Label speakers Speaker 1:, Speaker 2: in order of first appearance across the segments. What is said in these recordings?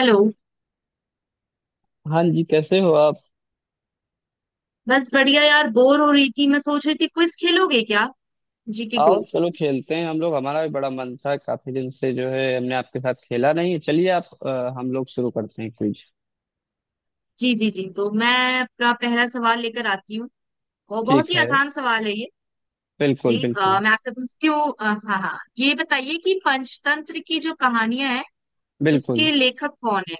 Speaker 1: Hello.
Speaker 2: हाँ जी, कैसे हो आप?
Speaker 1: बस बढ़िया यार, बोर हो रही थी। मैं सोच रही थी क्विज खेलोगे क्या? जीके
Speaker 2: आओ
Speaker 1: क्विज।
Speaker 2: चलो खेलते हैं हम लोग। हमारा भी बड़ा मन था, काफी दिन से जो है हमने आपके साथ खेला नहीं है। चलिए आप हम लोग शुरू करते हैं क्विज।
Speaker 1: जी जी जी, तो मैं अपना पहला सवाल लेकर आती हूँ। और
Speaker 2: ठीक
Speaker 1: बहुत ही
Speaker 2: है।
Speaker 1: आसान सवाल है ये। जी,
Speaker 2: बिल्कुल बिल्कुल
Speaker 1: मैं आपसे पूछती हूँ, हाँ हाँ, ये बताइए कि पंचतंत्र की जो कहानियां हैं
Speaker 2: बिल्कुल।
Speaker 1: उसके लेखक कौन है?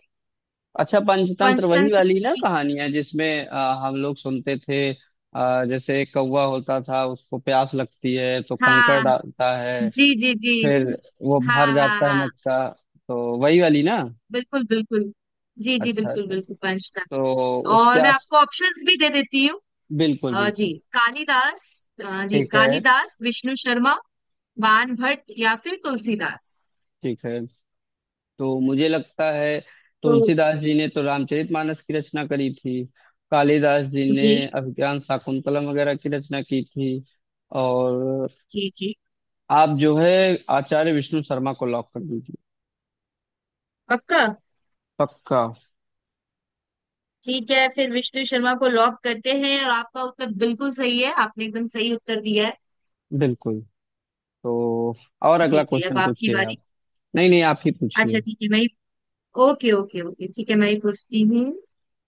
Speaker 2: अच्छा, पंचतंत्र वही
Speaker 1: पंचतंत्र
Speaker 2: वाली ना
Speaker 1: की।
Speaker 2: कहानियां जिसमें हम लोग सुनते थे, जैसे एक कौवा होता था, उसको प्यास लगती है तो कंकड़
Speaker 1: हाँ
Speaker 2: डालता है।
Speaker 1: जी जी जी।
Speaker 2: फिर वो
Speaker 1: हाँ
Speaker 2: भर
Speaker 1: हाँ
Speaker 2: जाता है
Speaker 1: हाँ।
Speaker 2: मटका। तो वही वाली ना।
Speaker 1: बिल्कुल बिल्कुल। जी जी,
Speaker 2: अच्छा
Speaker 1: बिल्कुल
Speaker 2: अच्छा।
Speaker 1: बिल्कुल पंचतंत्र।
Speaker 2: तो उसके
Speaker 1: और मैं
Speaker 2: आप।
Speaker 1: आपको ऑप्शंस भी दे देती हूँ।
Speaker 2: बिल्कुल
Speaker 1: अ,
Speaker 2: बिल्कुल।
Speaker 1: जी कालिदास जी
Speaker 2: ठीक है।
Speaker 1: कालिदास, विष्णु शर्मा, बाण भट्ट या फिर तुलसीदास।
Speaker 2: ठीक है। तो मुझे लगता है
Speaker 1: तो?
Speaker 2: तुलसीदास जी ने तो रामचरितमानस की रचना करी थी। कालिदास जी ने
Speaker 1: जी
Speaker 2: अभिज्ञान शाकुंतलम वगैरह की रचना की थी। और
Speaker 1: जी जी।
Speaker 2: आप जो है आचार्य विष्णु शर्मा को लॉक कर दीजिए।
Speaker 1: पक्का।
Speaker 2: पक्का।
Speaker 1: ठीक है फिर विष्णु शर्मा को लॉक करते हैं और आपका उत्तर बिल्कुल सही है, आपने एकदम सही उत्तर दिया है।
Speaker 2: बिल्कुल। तो और
Speaker 1: जी
Speaker 2: अगला
Speaker 1: जी, अब
Speaker 2: क्वेश्चन
Speaker 1: आपकी
Speaker 2: पूछिए
Speaker 1: बारी।
Speaker 2: आप। नहीं नहीं, आप ही
Speaker 1: अच्छा
Speaker 2: पूछिए।
Speaker 1: ठीक है, ओके ओके ओके, ठीक है मैं ही पूछती हूँ।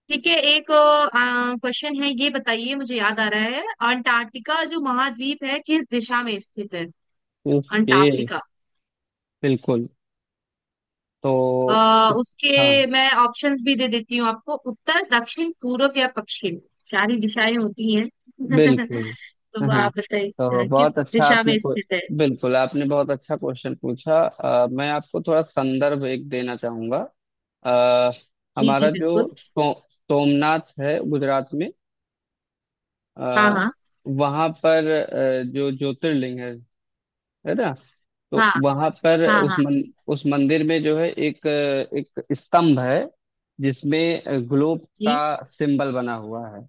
Speaker 1: ठीक है, एक क्वेश्चन है। ये बताइए, मुझे याद आ रहा है, अंटार्कटिका जो महाद्वीप है किस दिशा में स्थित है?
Speaker 2: ओके।
Speaker 1: अंटार्कटिका।
Speaker 2: बिल्कुल। तो इस-
Speaker 1: उसके
Speaker 2: हाँ
Speaker 1: मैं ऑप्शंस भी दे देती हूँ आपको। उत्तर, दक्षिण, पूर्व या पश्चिम, सारी दिशाएं होती हैं।
Speaker 2: बिल्कुल।
Speaker 1: तो वो
Speaker 2: हम्म हम्म।
Speaker 1: आप बताइए,
Speaker 2: तो बहुत
Speaker 1: किस
Speaker 2: अच्छा
Speaker 1: दिशा
Speaker 2: आपने
Speaker 1: में
Speaker 2: को।
Speaker 1: स्थित है?
Speaker 2: बिल्कुल, आपने बहुत अच्छा क्वेश्चन पूछा। मैं आपको थोड़ा संदर्भ एक देना चाहूंगा। आ,
Speaker 1: जी जी,
Speaker 2: हमारा जो
Speaker 1: बिल्कुल।
Speaker 2: सोमनाथ है गुजरात में।
Speaker 1: हाँ
Speaker 2: आ,
Speaker 1: हाँ
Speaker 2: वहाँ पर जो ज्योतिर्लिंग है ना। तो
Speaker 1: हाँ
Speaker 2: वहाँ पर
Speaker 1: हाँ
Speaker 2: उस
Speaker 1: हाँ
Speaker 2: उस मंदिर में जो है एक स्तंभ है जिसमें ग्लोब का
Speaker 1: जी।
Speaker 2: सिंबल बना हुआ है।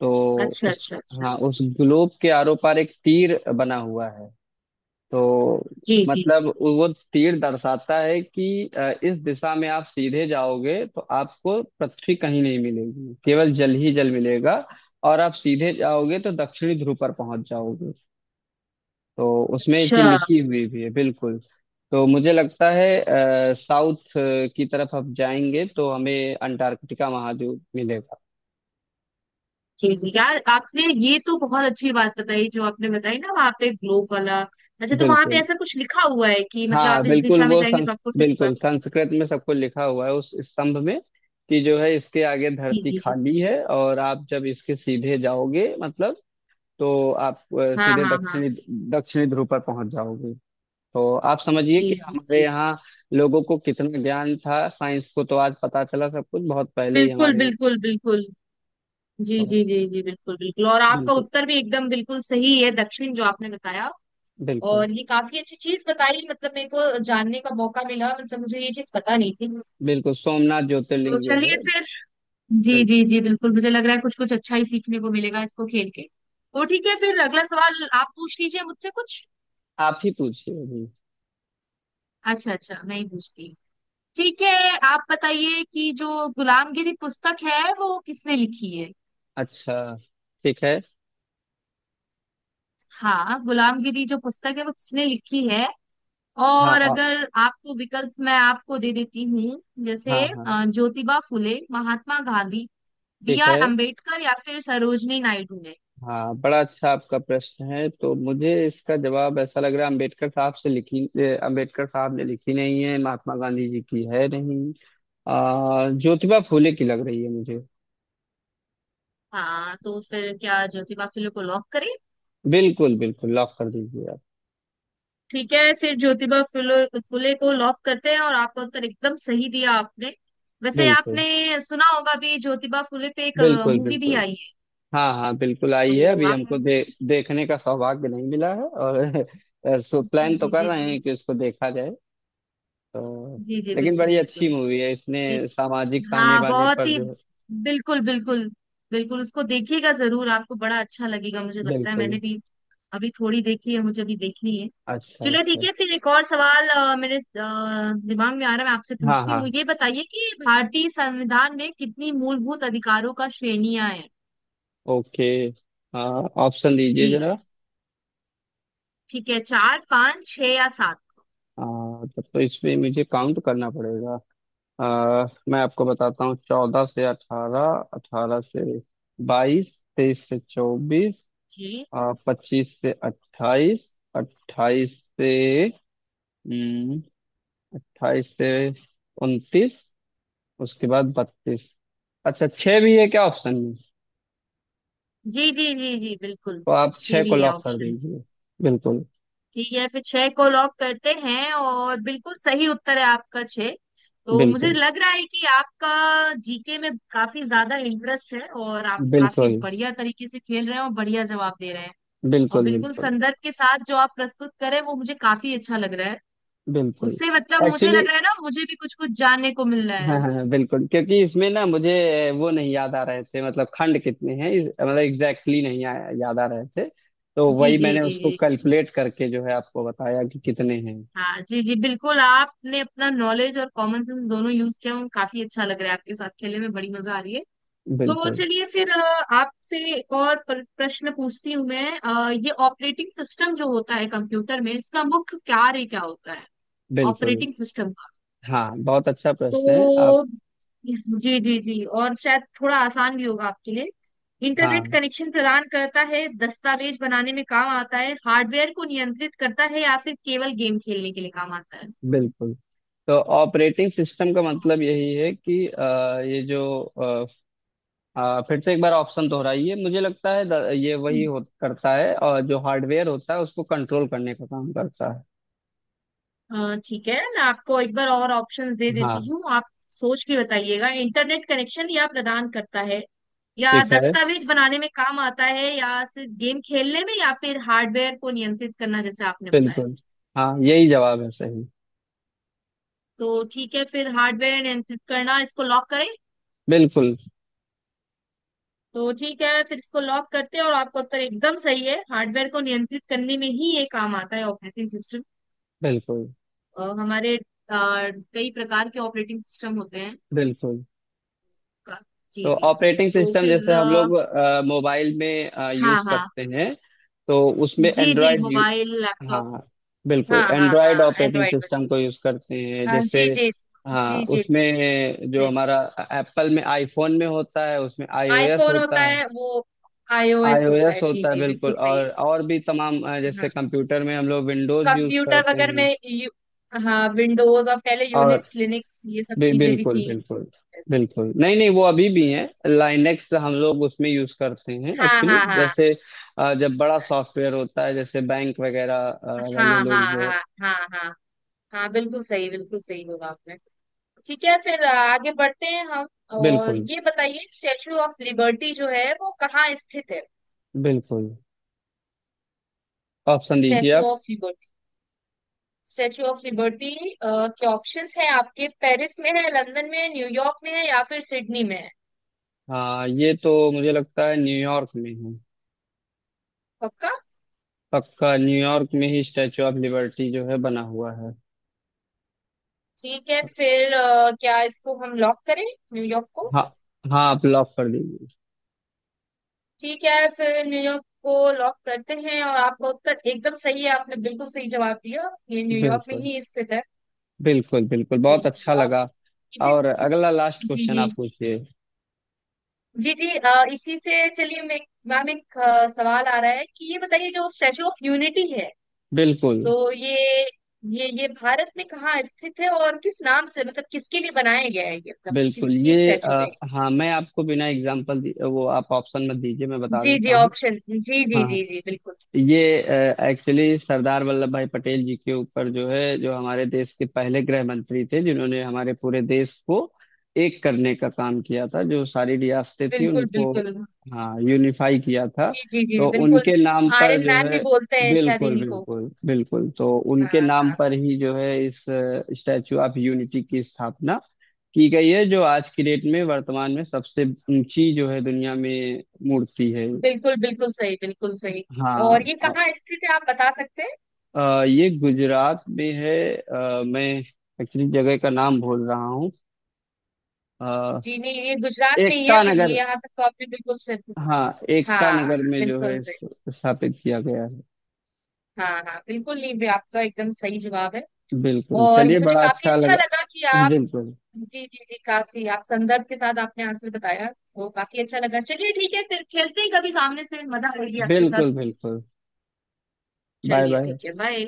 Speaker 2: तो
Speaker 1: अच्छा
Speaker 2: उस
Speaker 1: अच्छा अच्छा।
Speaker 2: हाँ, उस ग्लोब के आरो पार एक तीर बना हुआ है। तो
Speaker 1: जी जी
Speaker 2: मतलब
Speaker 1: जी।
Speaker 2: वो तीर दर्शाता है कि इस दिशा में आप सीधे जाओगे तो आपको पृथ्वी कहीं नहीं मिलेगी, केवल जल ही जल मिलेगा। और आप सीधे जाओगे तो दक्षिणी ध्रुव पर पहुंच जाओगे। तो उसमें ये
Speaker 1: अच्छा।
Speaker 2: चीज लिखी हुई भी है बिल्कुल। तो मुझे लगता है साउथ की तरफ हम जाएंगे तो हमें अंटार्कटिका महाद्वीप मिलेगा।
Speaker 1: जी जी, यार आपने ये तो बहुत अच्छी बात बताई, जो आपने बताई ना, वहाँ पे ग्लोब वाला। अच्छा, तो वहाँ पे
Speaker 2: बिल्कुल।
Speaker 1: ऐसा कुछ लिखा हुआ है कि मतलब
Speaker 2: हाँ
Speaker 1: आप इस
Speaker 2: बिल्कुल,
Speaker 1: दिशा में
Speaker 2: वो
Speaker 1: जाएंगे तो
Speaker 2: संस
Speaker 1: आपको सिर्फ।
Speaker 2: बिल्कुल संस्कृत में सबको लिखा हुआ है उस स्तंभ में। कि जो है इसके आगे
Speaker 1: जी
Speaker 2: धरती
Speaker 1: जी जी।
Speaker 2: खाली है, और आप जब इसके सीधे जाओगे मतलब, तो आप
Speaker 1: हाँ
Speaker 2: सीधे
Speaker 1: हाँ हाँ।
Speaker 2: दक्षिणी दक्षिणी ध्रुव पर पहुंच जाओगे। तो आप समझिए
Speaker 1: जी
Speaker 2: कि
Speaker 1: जी
Speaker 2: हमारे
Speaker 1: जी,
Speaker 2: यहाँ लोगों को कितना ज्ञान था, साइंस को तो आज पता चला, सब कुछ बहुत पहले ही
Speaker 1: बिल्कुल
Speaker 2: हमारे यहाँ।
Speaker 1: बिल्कुल बिल्कुल। जी जी
Speaker 2: तो
Speaker 1: जी जी, बिल्कुल बिल्कुल। और आपका
Speaker 2: बिल्कुल
Speaker 1: उत्तर भी एकदम बिल्कुल सही है, दक्षिण जो आपने बताया।
Speaker 2: बिल्कुल
Speaker 1: और ये काफी अच्छी चीज बताई, मतलब मेरे को जानने का मौका मिला, मतलब मुझे ये चीज पता नहीं थी।
Speaker 2: बिल्कुल, सोमनाथ
Speaker 1: तो
Speaker 2: ज्योतिर्लिंग जो
Speaker 1: चलिए
Speaker 2: है।
Speaker 1: फिर। जी जी
Speaker 2: बिल्कुल।
Speaker 1: जी, बिल्कुल। मुझे लग रहा है कुछ कुछ अच्छा ही सीखने को मिलेगा इसको खेल के। तो ठीक है फिर, अगला सवाल आप पूछ लीजिए मुझसे कुछ।
Speaker 2: आप ही पूछिए अभी।
Speaker 1: अच्छा अच्छा, मैं ही पूछती हूँ। ठीक है, आप बताइए कि जो गुलामगिरी पुस्तक है वो किसने लिखी है?
Speaker 2: अच्छा, ठीक है।
Speaker 1: हाँ, गुलामगिरी जो पुस्तक है वो किसने लिखी है?
Speaker 2: हाँ
Speaker 1: और अगर आपको विकल्प मैं आपको दे देती हूँ,
Speaker 2: हाँ
Speaker 1: जैसे
Speaker 2: हाँ।
Speaker 1: ज्योतिबा फुले, महात्मा गांधी, बी
Speaker 2: ठीक
Speaker 1: आर
Speaker 2: है।
Speaker 1: अम्बेडकर या फिर सरोजनी नायडू ने।
Speaker 2: हाँ, बड़ा अच्छा आपका प्रश्न है। तो मुझे इसका जवाब ऐसा लग रहा है, अंबेडकर साहब से लिखी, अंबेडकर साहब ने लिखी नहीं है, महात्मा गांधी जी की है नहीं। ज्योतिबा फूले की लग रही है मुझे।
Speaker 1: हाँ, तो फिर क्या ज्योतिबा फुले को लॉक करें?
Speaker 2: बिल्कुल बिल्कुल, लॉक कर दीजिए आप।
Speaker 1: ठीक है फिर ज्योतिबा फुले फुले को लॉक करते हैं और आपका उत्तर एकदम सही दिया आपने। वैसे
Speaker 2: बिल्कुल
Speaker 1: आपने सुना होगा भी, ज्योतिबा फुले पे एक
Speaker 2: बिल्कुल
Speaker 1: मूवी भी
Speaker 2: बिल्कुल।
Speaker 1: आई है।
Speaker 2: हाँ हाँ, बिल्कुल आई है।
Speaker 1: तो
Speaker 2: अभी
Speaker 1: आप।
Speaker 2: हमको देखने का सौभाग्य नहीं मिला है, और सो
Speaker 1: जी
Speaker 2: प्लान तो
Speaker 1: जी
Speaker 2: कर
Speaker 1: जी
Speaker 2: रहे
Speaker 1: जी।
Speaker 2: हैं कि उसको देखा जाए। तो
Speaker 1: जी जी,
Speaker 2: लेकिन
Speaker 1: बिल्कुल
Speaker 2: बड़ी अच्छी
Speaker 1: बिल्कुल।
Speaker 2: मूवी है, इसने
Speaker 1: जी।
Speaker 2: सामाजिक ताने
Speaker 1: हाँ,
Speaker 2: बाने
Speaker 1: बहुत
Speaker 2: पर
Speaker 1: ही।
Speaker 2: जो।
Speaker 1: बिल्कुल बिल्कुल। बिल्कुल उसको देखिएगा जरूर, आपको बड़ा अच्छा लगेगा, मुझे लगता है। मैंने
Speaker 2: बिल्कुल।
Speaker 1: भी अभी थोड़ी देखी है, मुझे भी देखनी है।
Speaker 2: अच्छा
Speaker 1: चलो ठीक
Speaker 2: अच्छा।
Speaker 1: है फिर, एक और सवाल मेरे दिमाग में आ रहा है, मैं आपसे
Speaker 2: हाँ
Speaker 1: पूछती हूँ।
Speaker 2: हाँ।
Speaker 1: ये बताइए कि भारतीय संविधान में कितनी मूलभूत अधिकारों का श्रेणियां हैं?
Speaker 2: ओके। ऑप्शन
Speaker 1: जी,
Speaker 2: दीजिए जरा।
Speaker 1: ठीक है। चार, पांच, छह या सात?
Speaker 2: आ, तब तो इसमें मुझे काउंट करना पड़ेगा। मैं आपको बताता हूँ, 14 से 18, 18 से 22, 23 से 24,
Speaker 1: जी
Speaker 2: 25 से 28, अट्ठाईस से हम्म, 28 से 29, उसके बाद 32। अच्छा, छः भी है क्या ऑप्शन में?
Speaker 1: जी जी जी जी, बिल्कुल।
Speaker 2: तो आप
Speaker 1: छह
Speaker 2: छः
Speaker 1: भी
Speaker 2: को
Speaker 1: है
Speaker 2: लॉक कर
Speaker 1: ऑप्शन।
Speaker 2: दीजिए। बिल्कुल
Speaker 1: ठीक है फिर छह को लॉक करते हैं और बिल्कुल सही उत्तर है आपका, छह। तो मुझे
Speaker 2: बिल्कुल
Speaker 1: लग रहा है कि आपका जीके में काफी ज्यादा इंटरेस्ट है और आप काफी
Speaker 2: बिल्कुल
Speaker 1: बढ़िया तरीके से खेल रहे हैं और बढ़िया जवाब दे रहे हैं। और
Speaker 2: बिल्कुल
Speaker 1: बिल्कुल
Speaker 2: बिल्कुल
Speaker 1: संदर्भ के साथ जो आप प्रस्तुत करें, वो मुझे काफी अच्छा लग रहा है।
Speaker 2: बिल्कुल।
Speaker 1: उससे मतलब मुझे
Speaker 2: एक्चुअली,
Speaker 1: लग रहा है ना, मुझे भी कुछ कुछ जानने को मिल रहा
Speaker 2: हाँ
Speaker 1: है।
Speaker 2: हाँ हाँ, बिल्कुल क्योंकि इसमें ना मुझे वो नहीं याद आ रहे थे, मतलब खंड कितने हैं, मतलब एग्जैक्टली नहीं आया, याद आ रहे थे। तो
Speaker 1: जी
Speaker 2: वही
Speaker 1: जी
Speaker 2: मैंने
Speaker 1: जी
Speaker 2: उसको
Speaker 1: जी।
Speaker 2: कैलकुलेट करके जो है आपको बताया कि कितने हैं।
Speaker 1: हाँ जी जी, बिल्कुल। आपने अपना नॉलेज और कॉमन सेंस दोनों यूज किया, वो काफी अच्छा लग रहा है, आपके साथ खेलने में बड़ी मजा आ रही है। तो
Speaker 2: बिल्कुल
Speaker 1: चलिए फिर आपसे एक और प्रश्न पूछती हूँ मैं, ये ऑपरेटिंग सिस्टम जो होता है कंप्यूटर में, इसका मुख्य कार्य क्या होता है?
Speaker 2: बिल्कुल।
Speaker 1: ऑपरेटिंग सिस्टम का?
Speaker 2: हाँ, बहुत अच्छा प्रश्न है आप।
Speaker 1: तो जी जी जी, और शायद थोड़ा आसान भी होगा आपके लिए। इंटरनेट
Speaker 2: हाँ
Speaker 1: कनेक्शन प्रदान करता है, दस्तावेज बनाने में काम आता है, हार्डवेयर को नियंत्रित करता है, या फिर केवल गेम खेलने के लिए काम आता
Speaker 2: बिल्कुल। तो ऑपरेटिंग सिस्टम का मतलब यही है कि अ, ये जो अ, अ, फिर से एक बार ऑप्शन दोहराइए। मुझे लगता है ये
Speaker 1: है?
Speaker 2: वही हो करता है, और जो हार्डवेयर होता है उसको कंट्रोल करने का काम करता है।
Speaker 1: ठीक है, मैं आपको एक बार और ऑप्शंस दे देती
Speaker 2: हाँ।
Speaker 1: हूँ, आप सोच के बताइएगा। इंटरनेट कनेक्शन या प्रदान करता है, या
Speaker 2: ठीक है।
Speaker 1: दस्तावेज बनाने में काम आता है, या सिर्फ गेम खेलने में, या फिर हार्डवेयर को नियंत्रित करना, जैसे आपने बताया।
Speaker 2: बिल्कुल। हाँ, यही जवाब है सही।
Speaker 1: तो ठीक है फिर हार्डवेयर नियंत्रित करना, इसको लॉक करें?
Speaker 2: बिल्कुल
Speaker 1: तो ठीक है फिर इसको लॉक करते हैं। और आपका उत्तर एकदम सही है, हार्डवेयर को नियंत्रित करने में ही ये काम आता है, ऑपरेटिंग सिस्टम।
Speaker 2: बिल्कुल
Speaker 1: हमारे कई प्रकार के ऑपरेटिंग सिस्टम होते हैं।
Speaker 2: बिल्कुल।
Speaker 1: का- जी
Speaker 2: तो
Speaker 1: जी जी,
Speaker 2: ऑपरेटिंग
Speaker 1: तो
Speaker 2: सिस्टम
Speaker 1: फिर
Speaker 2: जैसे हम लोग मोबाइल में
Speaker 1: हाँ
Speaker 2: यूज
Speaker 1: हाँ,
Speaker 2: करते हैं, तो उसमें
Speaker 1: जी जी,
Speaker 2: एंड्रॉयड।
Speaker 1: Mobile laptop.
Speaker 2: हाँ, बिल्कुल
Speaker 1: हाँ हाँ
Speaker 2: एंड्रॉयड
Speaker 1: हाँ,
Speaker 2: ऑपरेटिंग
Speaker 1: एंड्रॉइड
Speaker 2: सिस्टम को यूज करते हैं
Speaker 1: पर।
Speaker 2: जैसे।
Speaker 1: जी जी
Speaker 2: हाँ,
Speaker 1: जी जी
Speaker 2: उसमें जो
Speaker 1: जी।
Speaker 2: हमारा एप्पल में, आईफोन में होता है, उसमें आईओएस
Speaker 1: आईफोन होता
Speaker 2: होता है।
Speaker 1: है वो, आईओएस होता
Speaker 2: आईओएस
Speaker 1: है। जी
Speaker 2: होता है,
Speaker 1: जी,
Speaker 2: बिल्कुल।
Speaker 1: बिल्कुल सही है।
Speaker 2: और भी तमाम
Speaker 1: हाँ,
Speaker 2: जैसे कंप्यूटर में हम लोग विंडोज यूज
Speaker 1: कंप्यूटर
Speaker 2: करते हैं।
Speaker 1: वगैरह में हाँ विंडोज। और पहले
Speaker 2: और
Speaker 1: यूनिक्स लिनक्स ये सब चीजें भी
Speaker 2: बिल्कुल
Speaker 1: थी।
Speaker 2: बिल्कुल। बिल्कुल, नहीं नहीं, वो अभी भी है, लाइनेक्स हम लोग उसमें यूज करते हैं
Speaker 1: हाँ
Speaker 2: एक्चुअली।
Speaker 1: हाँ हाँ
Speaker 2: जैसे जब बड़ा सॉफ्टवेयर होता है, जैसे बैंक वगैरह,
Speaker 1: हाँ
Speaker 2: वाले
Speaker 1: हाँ
Speaker 2: लोग जो है।
Speaker 1: हाँ हाँ हाँ हाँ, बिल्कुल सही, बिल्कुल सही होगा आपने। ठीक है फिर आगे बढ़ते हैं हम। और
Speaker 2: बिल्कुल
Speaker 1: ये बताइए, स्टेचू ऑफ लिबर्टी जो है वो कहाँ स्थित है?
Speaker 2: बिल्कुल। ऑप्शन दीजिए
Speaker 1: स्टैचू
Speaker 2: आप।
Speaker 1: Of Liberty. Statue of Liberty के ऑप्शंस हैं आपके, पेरिस में है, लंदन में है, न्यूयॉर्क में है, या फिर सिडनी में है?
Speaker 2: हाँ, ये तो मुझे लगता है न्यूयॉर्क में है।
Speaker 1: पक्का?
Speaker 2: पक्का, न्यूयॉर्क में ही स्टैचू ऑफ लिबर्टी जो है बना हुआ है।
Speaker 1: ठीक है फिर, क्या इसको हम लॉक करें, न्यूयॉर्क को?
Speaker 2: हाँ हाँ, आप लॉक कर दीजिए।
Speaker 1: ठीक है फिर न्यूयॉर्क को लॉक करते हैं। और आपका उत्तर एकदम सही है, आपने बिल्कुल सही जवाब दिया, ये न्यूयॉर्क में
Speaker 2: बिल्कुल
Speaker 1: ही स्थित है।
Speaker 2: बिल्कुल बिल्कुल,
Speaker 1: जी
Speaker 2: बहुत
Speaker 1: जी।
Speaker 2: अच्छा
Speaker 1: आप
Speaker 2: लगा।
Speaker 1: इसी।
Speaker 2: और अगला लास्ट
Speaker 1: जी
Speaker 2: क्वेश्चन
Speaker 1: जी
Speaker 2: आप पूछिए।
Speaker 1: जी जी, इसी से चलिए, मैं मैम एक सवाल आ रहा है कि ये बताइए जो स्टैचू ऑफ यूनिटी है।
Speaker 2: बिल्कुल
Speaker 1: तो ये भारत में कहाँ स्थित है और किस नाम से, मतलब किसके लिए बनाया गया है ये, मतलब
Speaker 2: बिल्कुल,
Speaker 1: किसकी स्टैचू है ये?
Speaker 2: हाँ मैं आपको बिना एग्जाम्पल, वो आप ऑप्शन मत दीजिए, मैं बता
Speaker 1: जी
Speaker 2: देता
Speaker 1: जी,
Speaker 2: हूँ।
Speaker 1: ऑप्शन। जी जी
Speaker 2: हाँ,
Speaker 1: जी जी, बिल्कुल
Speaker 2: ये एक्चुअली सरदार वल्लभ भाई पटेल जी के ऊपर जो है, जो हमारे देश के पहले गृह मंत्री थे, जिन्होंने हमारे पूरे देश को एक करने का काम किया था, जो सारी रियासतें थी
Speaker 1: बिल्कुल
Speaker 2: उनको।
Speaker 1: बिल्कुल।
Speaker 2: हाँ, यूनिफाई किया था।
Speaker 1: जी जी जी,
Speaker 2: तो
Speaker 1: बिल्कुल।
Speaker 2: उनके नाम पर
Speaker 1: आयरन
Speaker 2: जो
Speaker 1: मैन भी
Speaker 2: है।
Speaker 1: बोलते हैं शायद
Speaker 2: बिल्कुल
Speaker 1: इन्हीं को।
Speaker 2: बिल्कुल बिल्कुल। तो
Speaker 1: हाँ
Speaker 2: उनके नाम
Speaker 1: हाँ,
Speaker 2: पर ही जो है इस स्टैचू ऑफ यूनिटी की स्थापना की गई है, जो आज की डेट में वर्तमान में सबसे ऊंची जो है दुनिया में मूर्ति है।
Speaker 1: बिल्कुल। बिल्कुल सही, बिल्कुल सही। और ये
Speaker 2: हाँ।
Speaker 1: कहाँ स्थित है, आप बता सकते हैं?
Speaker 2: ये गुजरात में है। मैं एक्चुअली जगह का नाम भूल रहा हूँ। अ,
Speaker 1: जी नहीं, ये गुजरात में ही है,
Speaker 2: एकता
Speaker 1: ये
Speaker 2: नगर।
Speaker 1: यहाँ तक तो आपने बिल्कुल सही
Speaker 2: हाँ,
Speaker 1: बोला।
Speaker 2: एकता
Speaker 1: हाँ,
Speaker 2: नगर में जो है
Speaker 1: बिल्कुल सही।
Speaker 2: स्थापित किया गया है।
Speaker 1: हाँ हाँ, बिल्कुल। नहीं भी आपका एकदम सही जवाब है।
Speaker 2: बिल्कुल,
Speaker 1: और ये
Speaker 2: चलिए,
Speaker 1: मुझे
Speaker 2: बड़ा
Speaker 1: काफी
Speaker 2: अच्छा
Speaker 1: अच्छा
Speaker 2: लगा।
Speaker 1: लगा कि।
Speaker 2: बिल्कुल
Speaker 1: जी जी जी, काफी आप संदर्भ के साथ आपने आंसर बताया, वो काफी अच्छा लगा। चलिए ठीक है, फिर खेलते हैं कभी, सामने से मजा आएगी आपके साथ।
Speaker 2: बिल्कुल बिल्कुल। बाय
Speaker 1: चलिए
Speaker 2: बाय।
Speaker 1: ठीक है, बाय।